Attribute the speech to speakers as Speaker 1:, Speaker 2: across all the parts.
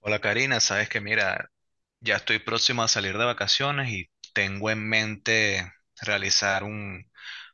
Speaker 1: Hola Karina, sabes que mira, ya estoy próximo a salir de vacaciones y tengo en mente realizar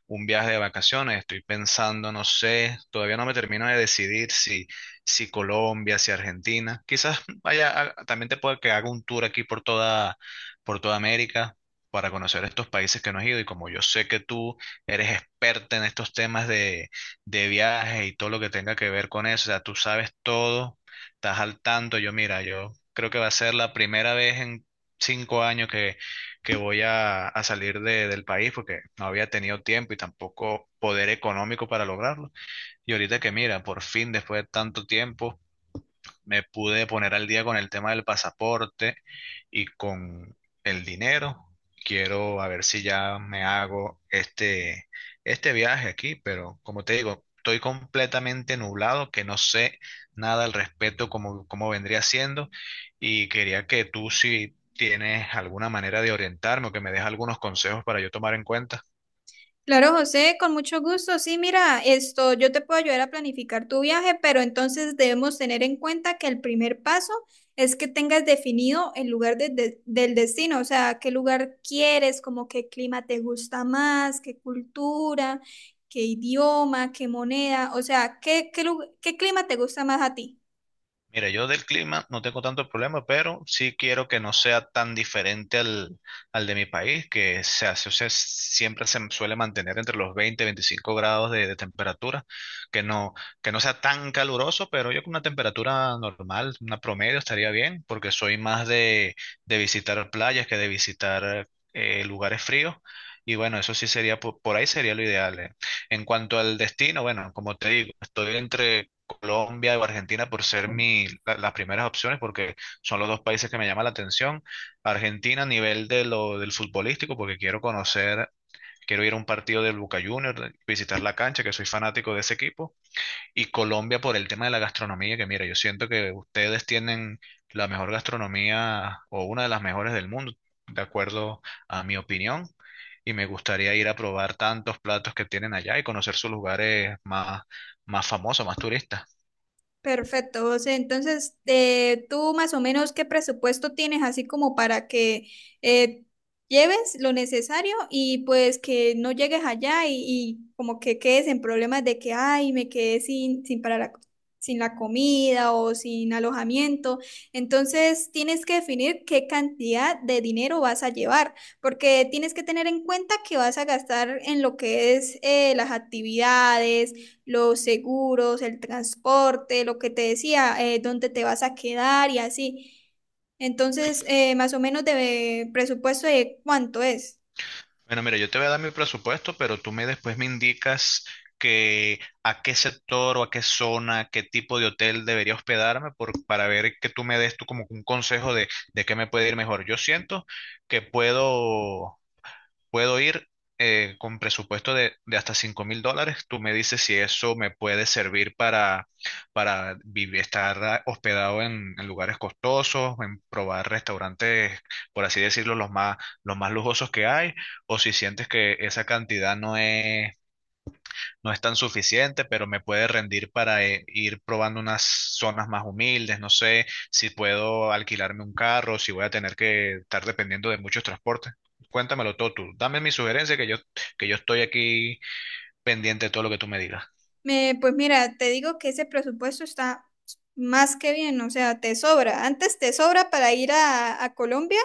Speaker 1: un viaje de vacaciones. Estoy pensando, no sé, todavía no me termino de decidir si Colombia, si Argentina. Quizás vaya, también te pueda que haga un tour aquí por por toda América para conocer estos países que no he ido. Y como yo sé que tú eres experta en estos temas de viajes y todo lo que tenga que ver con eso, o sea, tú sabes todo, estás al tanto. Yo, mira, yo creo que va a ser la primera vez en 5 años que voy a salir del país porque no había tenido tiempo y tampoco poder económico para lograrlo. Y ahorita que, mira, por fin, después de tanto tiempo, me pude poner al día con el tema del pasaporte y con el dinero. Quiero a ver si ya me hago este viaje aquí, pero como te digo, estoy completamente nublado, que no sé nada al respecto como, como vendría siendo, y quería que tú si tienes alguna manera de orientarme o que me des algunos consejos para yo tomar en cuenta.
Speaker 2: Claro, José, con mucho gusto. Sí, mira, yo te puedo ayudar a planificar tu viaje, pero entonces debemos tener en cuenta que el primer paso es que tengas definido el lugar del destino, o sea, qué lugar quieres, como qué clima te gusta más, qué cultura, qué idioma, qué moneda, o sea, qué clima te gusta más a ti.
Speaker 1: Mira, yo del clima no tengo tanto problema, pero sí quiero que no sea tan diferente al de mi país, que se hace, o sea, siempre se suele mantener entre los 20 y 25 grados de temperatura, que no, que no sea tan caluroso, pero yo con una temperatura normal, una promedio, estaría bien, porque soy más de visitar playas que de visitar lugares fríos. Y bueno, eso sí sería, por ahí sería lo ideal. En cuanto al destino, bueno, como te digo, estoy entre Colombia o Argentina por ser mi, las primeras opciones, porque son los dos países que me llaman la atención. Argentina a nivel de lo, del futbolístico, porque quiero conocer, quiero ir a un partido del Boca Juniors, visitar la cancha, que soy fanático de ese equipo. Y Colombia por el tema de la gastronomía, que mira, yo siento que ustedes tienen la mejor gastronomía o una de las mejores del mundo, de acuerdo a mi opinión. Y me gustaría ir a probar tantos platos que tienen allá y conocer sus lugares más famosos, más turistas.
Speaker 2: Perfecto, José. Entonces, tú más o menos qué presupuesto tienes así como para que eh, lleves lo necesario y pues que no llegues allá y como que quedes en problemas de que, ay, me quedé sin para la, sin la comida o sin alojamiento. Entonces, tienes que definir qué cantidad de dinero vas a llevar, porque tienes que tener en cuenta que vas a gastar en lo que es las actividades, los seguros, el transporte, lo que te decía, dónde te vas a quedar y así. Entonces, más o menos de presupuesto de cuánto es.
Speaker 1: Bueno, mira, yo te voy a dar mi presupuesto, pero tú me después me indicas que a qué sector o a qué zona, qué tipo de hotel debería hospedarme para ver que tú me des tú como un consejo de qué me puede ir mejor. Yo siento que puedo puedo ir con presupuesto de hasta $5000. Tú me dices si eso me puede servir para vivir, estar ah, hospedado en lugares costosos, en probar restaurantes, por así decirlo, los más lujosos que hay, o si sientes que esa cantidad no es tan suficiente, pero me puede rendir para ir probando unas zonas más humildes, no sé si puedo alquilarme un carro, si voy a tener que estar dependiendo de muchos transportes. Cuéntamelo todo tú, dame mi sugerencia que yo estoy aquí pendiente de todo lo que tú me digas.
Speaker 2: Pues mira, te digo que ese presupuesto está más que bien, o sea, te sobra. Antes te sobra para ir a Colombia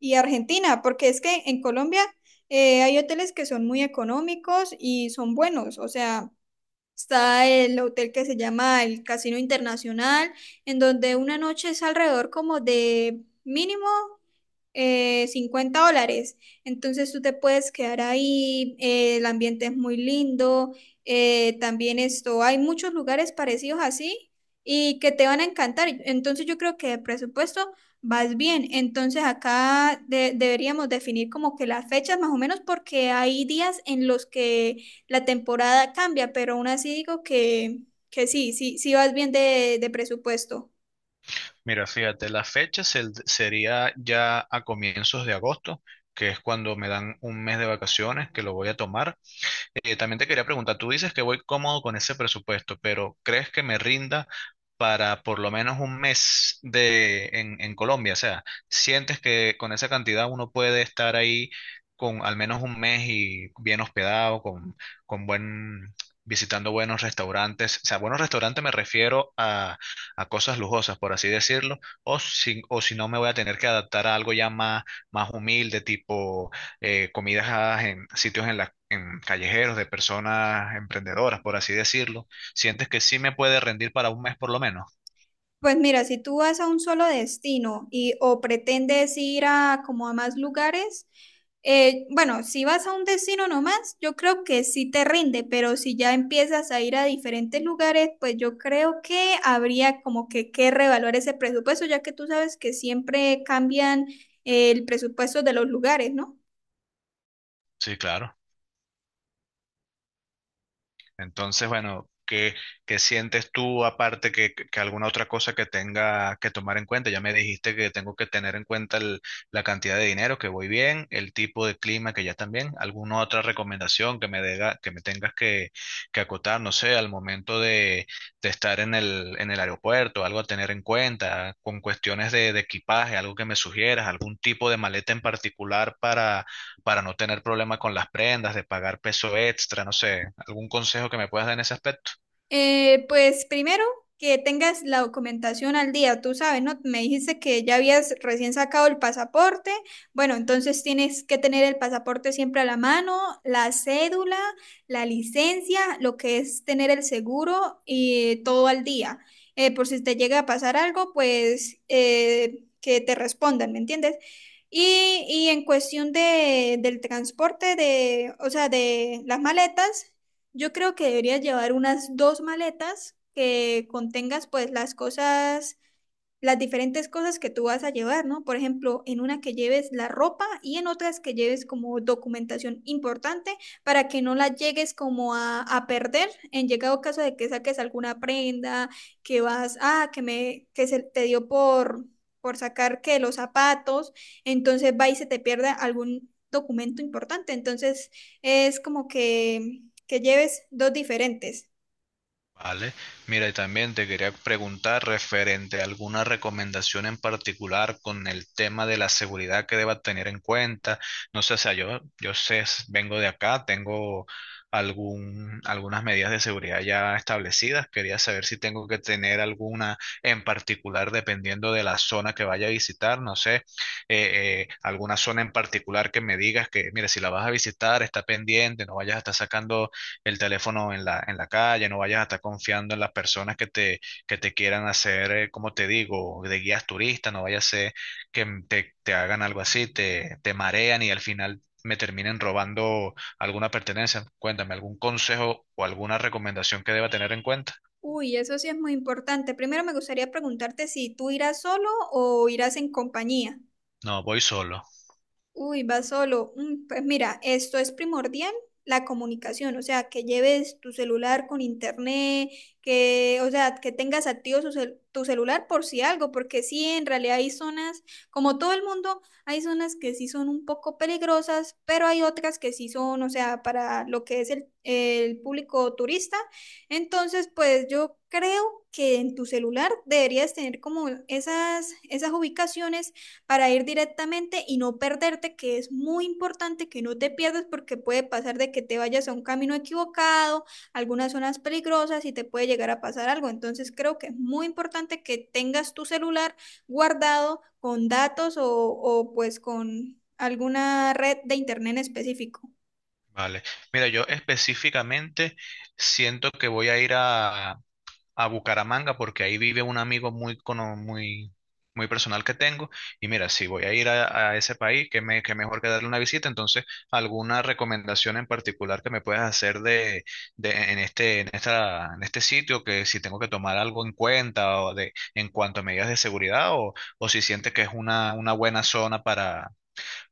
Speaker 2: y Argentina, porque es que en Colombia hay hoteles que son muy económicos y son buenos, o sea... Está el hotel que se llama el Casino Internacional, en donde una noche es alrededor como de mínimo, $50. Entonces tú te puedes quedar ahí, el ambiente es muy lindo, hay muchos lugares parecidos así y que te van a encantar. Entonces yo creo que de presupuesto vas bien. Entonces acá deberíamos definir como que las fechas más o menos porque hay días en los que la temporada cambia, pero aún así digo que sí, sí, sí vas bien de presupuesto.
Speaker 1: Mira, fíjate, la fecha sería ya a comienzos de agosto, que es cuando me dan un mes de vacaciones, que lo voy a tomar. También te quería preguntar, tú dices que voy cómodo con ese presupuesto, pero ¿crees que me rinda para por lo menos un mes en Colombia? O sea, ¿sientes que con esa cantidad uno puede estar ahí con al menos un mes y bien hospedado, con buen, visitando buenos restaurantes? O sea, buenos restaurantes me refiero a cosas lujosas, por así decirlo, o si no me voy a tener que adaptar a algo ya más humilde, tipo comidas a- en sitios en, la, en callejeros de personas emprendedoras, por así decirlo. ¿Sientes que sí me puede rendir para un mes por lo menos?
Speaker 2: Pues mira, si tú vas a un solo destino y o pretendes ir a como a más lugares, bueno, si vas a un destino nomás, yo creo que sí te rinde, pero si ya empiezas a ir a diferentes lugares, pues yo creo que habría como que revaluar ese presupuesto, ya que tú sabes que siempre cambian, el presupuesto de los lugares, ¿no?
Speaker 1: Sí, claro. Entonces, bueno, ¿qué sientes tú aparte que alguna otra cosa que tenga que tomar en cuenta? Ya me dijiste que tengo que tener en cuenta la cantidad de dinero, que voy bien, el tipo de clima que ya también. ¿Alguna otra recomendación que que me tengas que acotar, no sé, al momento de estar en en el aeropuerto, algo a tener en cuenta, con cuestiones de equipaje, algo que me sugieras, algún tipo de maleta en particular para no tener problema con las prendas, de pagar peso extra, no sé, algún consejo que me puedas dar en ese aspecto.
Speaker 2: Pues primero que tengas la documentación al día, tú sabes, ¿no? Me dijiste que ya habías recién sacado el pasaporte. Bueno, entonces tienes que tener el pasaporte siempre a la mano, la cédula, la licencia, lo que es tener el seguro y todo al día. Por si te llega a pasar algo, pues que te respondan, ¿me entiendes? Y en cuestión de, del transporte, de, o sea, de las maletas. Yo creo que deberías llevar unas dos maletas que contengas pues las diferentes cosas que tú vas a llevar, ¿no? Por ejemplo, en una que lleves la ropa y en otras que lleves como documentación importante para que no la llegues como a perder en llegado caso de que saques alguna prenda, que vas, ah, que me, que se te dio por sacar que los zapatos, entonces va y se te pierde algún documento importante. Entonces es como que lleves dos diferentes.
Speaker 1: Vale, mira, y también te quería preguntar referente a alguna recomendación en particular con el tema de la seguridad que deba tener en cuenta. No sé, o sea, yo sé, vengo de acá, tengo algunas medidas de seguridad ya establecidas. Quería saber si tengo que tener alguna en particular dependiendo de la zona que vaya a visitar. No sé, alguna zona en particular que me digas que, mira, si la vas a visitar, está pendiente, no vayas a estar sacando el teléfono en en la calle, no vayas a estar confiando en las personas que te quieran hacer, como te digo, de guías turistas, no vaya a ser que te hagan algo así, te marean y al final me terminen robando alguna pertenencia. Cuéntame, ¿algún consejo o alguna recomendación que deba tener en cuenta?
Speaker 2: Uy, eso sí es muy importante. Primero me gustaría preguntarte si tú irás solo o irás en compañía.
Speaker 1: No, voy solo.
Speaker 2: Uy, vas solo. Mm, pues mira, esto es primordial, la comunicación, o sea, que lleves tu celular con internet, que, o sea, que tengas activo tu celular por si algo, porque sí, en realidad hay zonas, como todo el mundo, hay zonas que sí son un poco peligrosas, pero hay otras que sí son, o sea, para lo que es el público turista. Entonces, pues yo creo que en tu celular deberías tener como esas ubicaciones para ir directamente y no perderte, que es muy importante que no te pierdas porque puede pasar de que te vayas a un camino equivocado, algunas zonas peligrosas y te puede llegar a pasar algo. Entonces creo que es muy importante que tengas tu celular guardado con datos o pues con alguna red de internet en específico.
Speaker 1: Vale. Mira, yo específicamente siento que voy a ir a Bucaramanga porque ahí vive un amigo muy personal que tengo. Y mira, si voy a ir a ese país, que me, qué mejor que darle una visita. Entonces, ¿alguna recomendación en particular que me puedas hacer en este, en este sitio? Que si tengo que tomar algo en cuenta o de, en cuanto a medidas de seguridad o si sientes que es una buena zona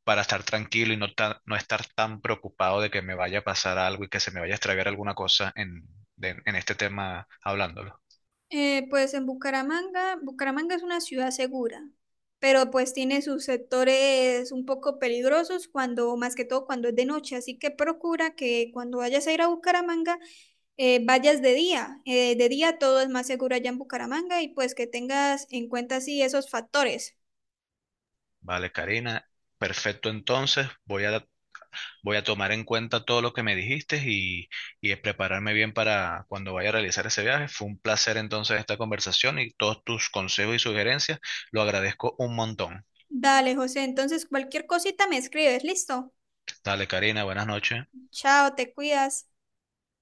Speaker 1: para estar tranquilo y no, no estar tan preocupado de que me vaya a pasar algo y que se me vaya a extraviar alguna cosa en este tema hablándolo.
Speaker 2: Pues en Bucaramanga, Bucaramanga es una ciudad segura, pero pues tiene sus sectores un poco peligrosos cuando, más que todo cuando es de noche, así que procura que cuando vayas a ir a Bucaramanga, vayas de día. De día todo es más seguro allá en Bucaramanga y pues que tengas en cuenta así esos factores.
Speaker 1: Vale, Karina. Perfecto, entonces voy a tomar en cuenta todo lo que me y prepararme bien para cuando vaya a realizar ese viaje. Fue un placer entonces esta conversación y todos tus consejos y sugerencias. Lo agradezco un montón.
Speaker 2: Dale, José, entonces cualquier cosita me escribes, listo.
Speaker 1: Dale, Karina, buenas noches.
Speaker 2: Chao, te cuidas.